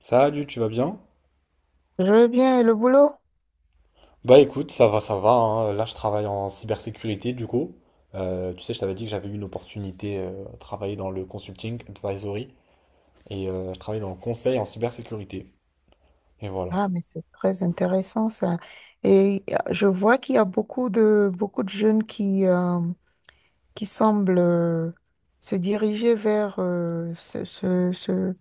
Salut, tu vas bien? Je veux bien, et le boulot? Bah écoute, ça va, ça va, hein. Là, je travaille en cybersécurité du coup. Tu sais, je t'avais dit que j'avais eu une opportunité à travailler dans le consulting advisory et je travaille dans le conseil en cybersécurité. Et voilà. Ah, mais c'est très intéressant ça. Je vois qu'il y a beaucoup de jeunes qui semblent se diriger vers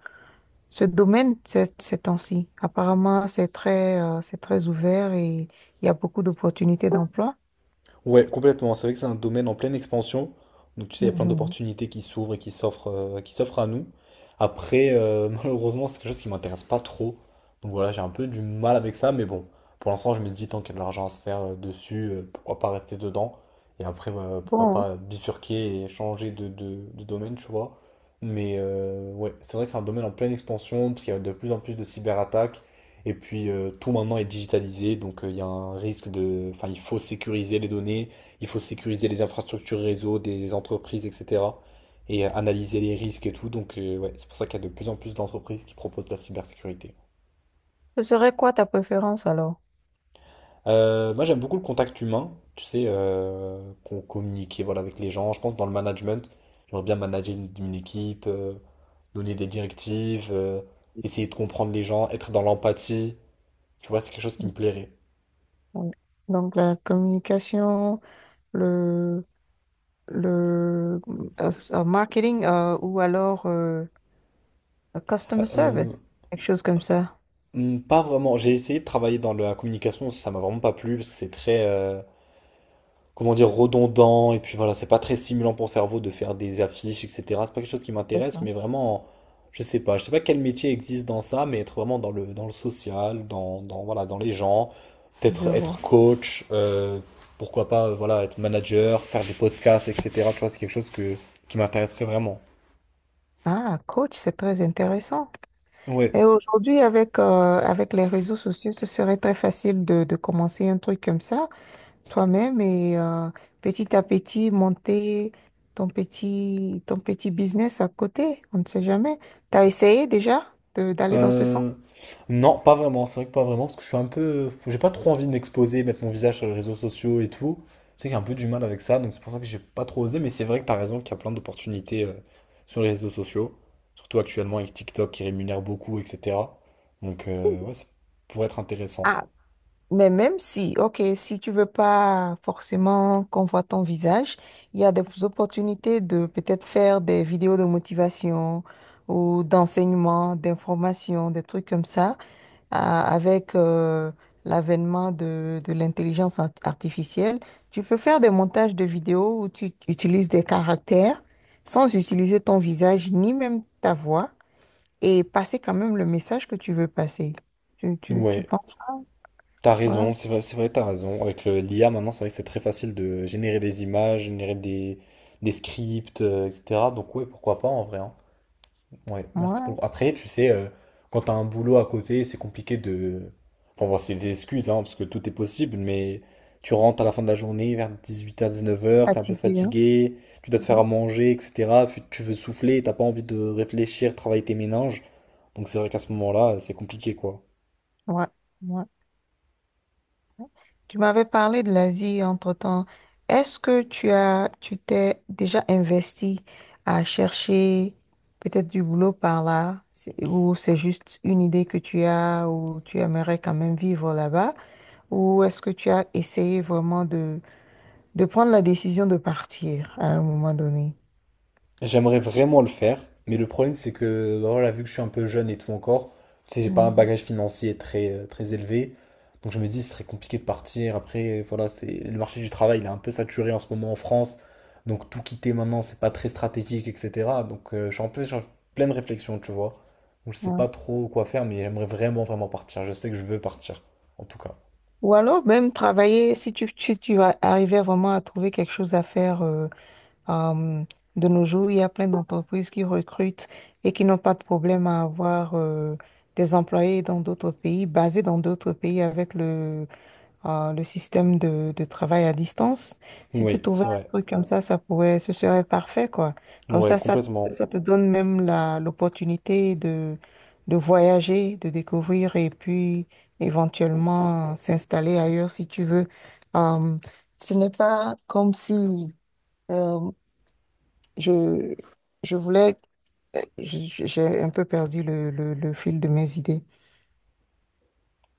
ce domaine ces temps-ci. Apparemment, c'est c'est très ouvert et il y a beaucoup d'opportunités d'emploi. Ouais, complètement. C'est vrai que c'est un domaine en pleine expansion. Donc, tu sais, il y a plein Mhm. d'opportunités qui s'ouvrent et qui s'offrent à nous. Après, malheureusement, c'est quelque chose qui m'intéresse pas trop. Donc voilà, j'ai un peu du mal avec ça. Mais bon, pour l'instant, je me dis, tant qu'il y a de l'argent à se faire dessus, pourquoi pas rester dedans? Et après, bah, pourquoi Bon, pas bifurquer et changer de domaine, tu vois. Mais ouais, c'est vrai que c'est un domaine en pleine expansion, parce qu'il y a de plus en plus de cyberattaques. Et puis tout maintenant est digitalisé, donc il y a un risque de. Enfin, il faut sécuriser les données, il faut sécuriser les infrastructures réseau des entreprises, etc. Et analyser les risques et tout. Donc ouais, c'est pour ça qu'il y a de plus en plus d'entreprises qui proposent de la cybersécurité. ce serait quoi ta préférence alors? Moi j'aime beaucoup le contact humain, tu sais, qu'on communique voilà, avec les gens. Je pense dans le management, j'aimerais bien manager une équipe, donner des directives, essayer de comprendre les gens, être dans l'empathie. Tu vois, c'est quelque chose qui me plairait. Oui. Donc, la communication, le marketing ou alors le customer Euh, service, quelque chose comme ça. Pas vraiment. J'ai essayé de travailler dans la communication, ça m'a vraiment pas plu parce que c'est très, comment dire, redondant et puis voilà, c'est pas très stimulant pour le cerveau de faire des affiches, etc. C'est pas quelque chose qui C'est m'intéresse, ça. mais vraiment, je sais pas. Je sais pas quel métier existe dans ça, mais être vraiment dans le social, dans voilà, dans les gens, Je peut-être être vois. coach, pourquoi pas, voilà, être manager, faire des podcasts, etc. Tu vois, c'est quelque chose qui m'intéresserait vraiment. Ah, coach, c'est très intéressant. Ouais. Et aujourd'hui, avec avec les réseaux sociaux, ce serait très facile de commencer un truc comme ça toi-même et petit à petit monter ton petit business à côté. On ne sait jamais. T'as essayé déjà d'aller dans ce Euh, sens? non, pas vraiment. C'est vrai que pas vraiment, parce que je suis un peu. J'ai pas trop envie de m'exposer, mettre mon visage sur les réseaux sociaux et tout. Je sais que j'ai un peu du mal avec ça, donc c'est pour ça que j'ai pas trop osé. Mais c'est vrai que t'as raison qu'il y a plein d'opportunités sur les réseaux sociaux, surtout actuellement avec TikTok qui rémunère beaucoup, etc. Donc ouais, ça pourrait être intéressant. ah Mais même si, ok, si tu veux pas forcément qu'on voit ton visage, il y a des opportunités de peut-être faire des vidéos de motivation ou d'enseignement, d'information, des trucs comme ça, avec l'avènement de l'intelligence artificielle. Tu peux faire des montages de vidéos où tu utilises des caractères sans utiliser ton visage ni même ta voix et passer quand même le message que tu veux passer. Tu Ouais, penses t'as quoi? raison. C'est vrai, t'as raison. Avec l'IA maintenant, c'est vrai que c'est très facile de générer des images, générer des scripts, etc. Donc ouais, pourquoi pas en vrai, hein. Ouais, merci pour Moi? le. Après, tu sais, quand t'as un boulot à côté, c'est compliqué de. Enfin, bon, c'est des excuses, hein, parce que tout est possible, mais tu rentres à la fin de la journée, vers 18 h, 19 h, t'es un peu Fatigué, hein? fatigué, tu dois te faire à Mhm. manger, etc. Puis tu veux souffler, t'as pas envie de réfléchir, travailler tes méninges. Donc c'est vrai qu'à ce moment-là, c'est compliqué, quoi. Ouais, ouais, ouais. Tu m'avais parlé de l'Asie entre-temps. Est-ce que tu as, tu t'es déjà investi à chercher peut-être du boulot par là? Ou c'est juste une idée que tu as, ou tu aimerais quand même vivre là-bas, ou est-ce que tu as essayé vraiment de prendre la décision de partir à un moment donné? J'aimerais vraiment le faire, mais le problème c'est que bah voilà, vu que je suis un peu jeune et tout encore, tu sais, j'ai pas un Mhm. bagage financier très, très élevé. Donc je me dis, ce serait compliqué de partir. Après, voilà, c'est le marché du travail, il est un peu saturé en ce moment en France. Donc tout quitter maintenant, c'est pas très stratégique, etc. Donc je suis en pleine réflexion, tu vois. Donc je sais pas Ouais. trop quoi faire, mais j'aimerais vraiment, vraiment partir. Je sais que je veux partir, en tout cas. Ou alors même travailler, si tu arrivais vraiment à trouver quelque chose à faire. Euh, de nos jours, il y a plein d'entreprises qui recrutent et qui n'ont pas de problème à avoir des employés dans d'autres pays, basés dans d'autres pays avec le système de travail à distance. Si tu Oui, trouvais c'est un vrai. truc comme ça pourrait, ce serait parfait, quoi. Comme Ouais, ça, ça, complètement. Ça te donne même la, l'opportunité de voyager, de découvrir et puis éventuellement s'installer ailleurs si tu veux. Euh, Ce n'est pas comme si... euh, je, je voulais, j'ai un peu perdu le fil de mes idées.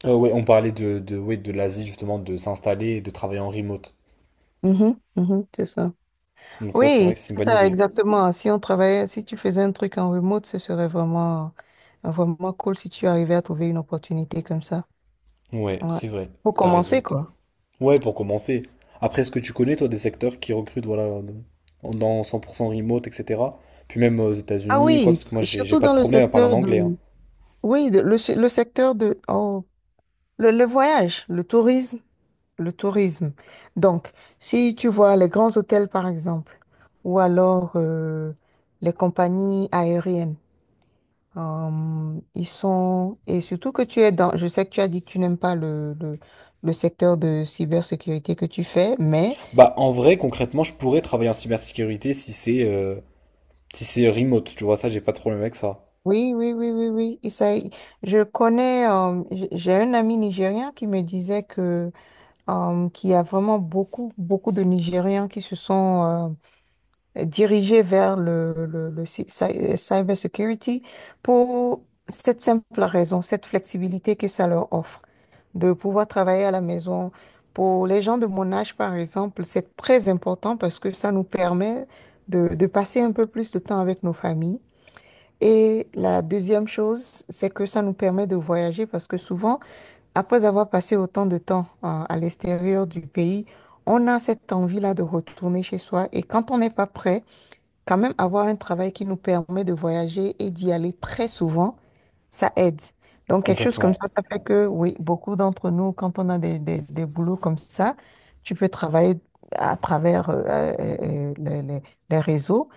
Ouais, on parlait ouais, de l'Asie, justement, de s'installer et de travailler en remote. Mhm, mhm, c'est ça. Donc ouais, c'est vrai que Oui, c'est une c'est bonne ça, idée. exactement. Si on travaillait, si tu faisais un truc en remote, ce serait vraiment, vraiment cool si tu arrivais à trouver une opportunité comme ça. Ouais, Ouais. c'est vrai, Pour t'as commencer, raison. quoi. Ouais, pour commencer. Après, est-ce que tu connais, toi, des secteurs qui recrutent, voilà, dans 100% remote, etc. Puis même aux Ah États-Unis, quoi, oui, parce que moi, j'ai surtout pas de dans le problème à parler en secteur anglais, hein. de... Oui, le secteur de... Oh, le voyage, le tourisme. Le tourisme. Donc, si tu vois les grands hôtels, par exemple, ou alors les compagnies aériennes, ils sont... Et surtout que tu es dans... Je sais que tu as dit que tu n'aimes pas le secteur de cybersécurité que tu fais, mais Bah, en vrai, concrètement, je pourrais travailler en cybersécurité si c'est remote, tu vois, ça, j'ai pas de problème avec ça. oui, oui, oui, oui, oui. Je connais... j'ai un ami nigérien qui me disait que qu'il y a vraiment beaucoup, beaucoup de Nigériens qui se sont... dirigé vers le cyber security pour cette simple raison, cette flexibilité que ça leur offre, de pouvoir travailler à la maison. Pour les gens de mon âge, par exemple, c'est très important parce que ça nous permet de passer un peu plus de temps avec nos familles. Et la deuxième chose, c'est que ça nous permet de voyager parce que souvent, après avoir passé autant de temps à l'extérieur du pays, on a cette envie-là de retourner chez soi. Et quand on n'est pas prêt, quand même avoir un travail qui nous permet de voyager et d'y aller très souvent, ça aide. Donc, quelque chose comme Complètement. ça fait que, oui, beaucoup d'entre nous, quand on a des boulots comme ça, tu peux travailler à travers euh, les, les- les réseaux.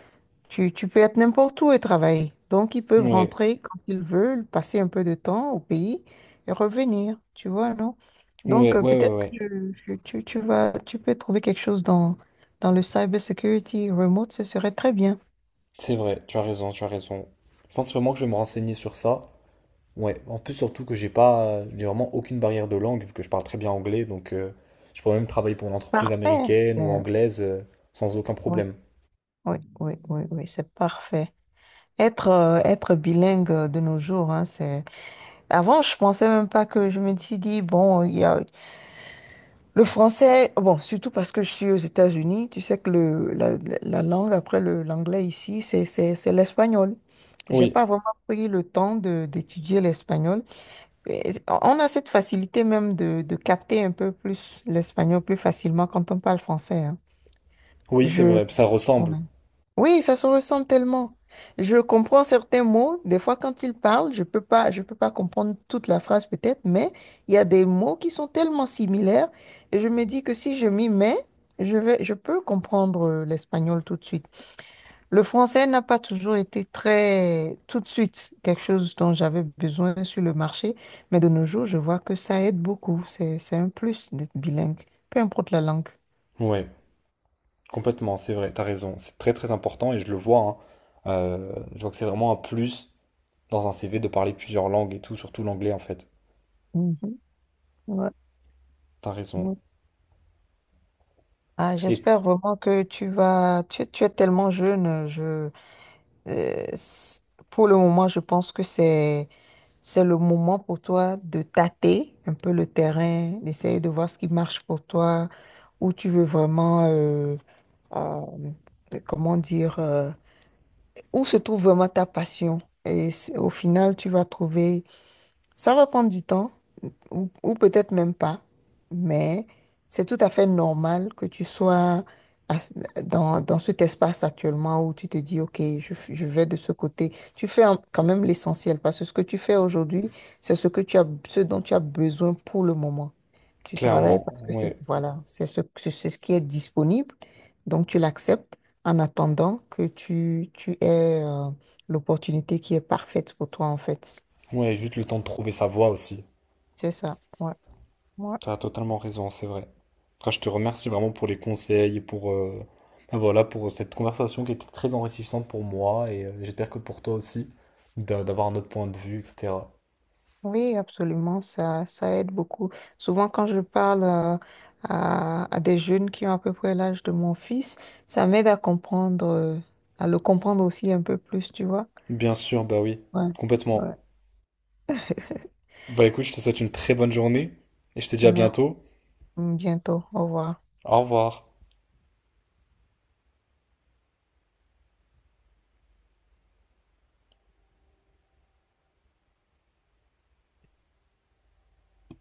Tu peux être n'importe où et travailler. Donc, ils peuvent Ouais, rentrer quand ils veulent, passer un peu de temps au pays et revenir, tu vois, non? Donc, ouais, ouais, ouais, peut-être ouais. que tu vas, tu peux trouver quelque chose dans le cybersecurity remote, ce serait très bien. C'est vrai, tu as raison, tu as raison. Je pense vraiment que je vais me renseigner sur ça. Ouais, en plus surtout que j'ai pas, j'ai vraiment aucune barrière de langue vu que je parle très bien anglais, donc je pourrais même travailler pour une entreprise Parfait. américaine ou anglaise sans aucun Oui, problème. oui, oui, oui, oui, c'est parfait. Être bilingue de nos jours, hein, c'est... Avant, je pensais même pas que je me suis dit, bon, il y a le français, bon, surtout parce que je suis aux États-Unis, tu sais que la langue après l'anglais ici, c'est l'espagnol. J'ai Oui, pas vraiment pris le temps d'étudier l'espagnol. Et on a cette facilité même de capter un peu plus l'espagnol plus facilement quand on parle français, hein. oui, c'est Je... vrai, ça ouais. ressemble. Oui, ça se ressent tellement. Je comprends certains mots. Des fois, quand ils parlent, je peux pas comprendre toute la phrase peut-être, mais il y a des mots qui sont tellement similaires et je me dis que si je m'y mets, je peux comprendre l'espagnol tout de suite. Le français n'a pas toujours été très tout de suite quelque chose dont j'avais besoin sur le marché, mais de nos jours, je vois que ça aide beaucoup. C'est un plus d'être bilingue, peu importe la langue. Ouais, complètement, c'est vrai, t'as raison, c'est très très important et je le vois, hein. Je vois que c'est vraiment un plus dans un CV de parler plusieurs langues et tout, surtout l'anglais en fait. Mhm. Ouais, T'as raison. ouais. Ah, Et j'espère vraiment que tu vas. Tu es tellement jeune. Euh, c- pour le moment, je pense que c'est le moment pour toi de tâter un peu le terrain, d'essayer de voir ce qui marche pour toi, où tu veux vraiment, euh, comment dire, où se trouve vraiment ta passion. Et au final, tu vas trouver ça va prendre du temps, ou peut-être même pas, mais c'est tout à fait normal que tu sois à ce- dans, dans cet espace actuellement où tu te dis, OK, je vais de ce côté. Quand même l'essentiel parce que ce que tu fais aujourd'hui, c'est ce que tu as, ce dont tu as besoin pour le moment. Tu travailles clairement, parce que c'est, ouais, voilà, c'est ce qui est disponible, donc tu l'acceptes en attendant que tu aies l'opportunité qui est parfaite pour toi, en fait. ouais, juste le temps de trouver sa voie aussi. C'est ça, ouais. Moi, Tu as totalement raison, c'est vrai. En tout cas, je te remercie vraiment pour les conseils et pour, ben voilà, pour cette conversation qui était très enrichissante pour moi et j'espère que pour toi aussi, d'avoir un autre point de vue, etc. oui, absolument, ça aide beaucoup. Souvent, quand je parle à des jeunes qui ont à peu près l'âge de mon fils, ça m'aide à comprendre, à le comprendre aussi un peu plus, tu vois. Bien sûr, bah oui, Ouais, complètement. ouais. Bah écoute, je te souhaite une très bonne journée et je te dis à Merci, bientôt. bientôt, au revoir. Au revoir.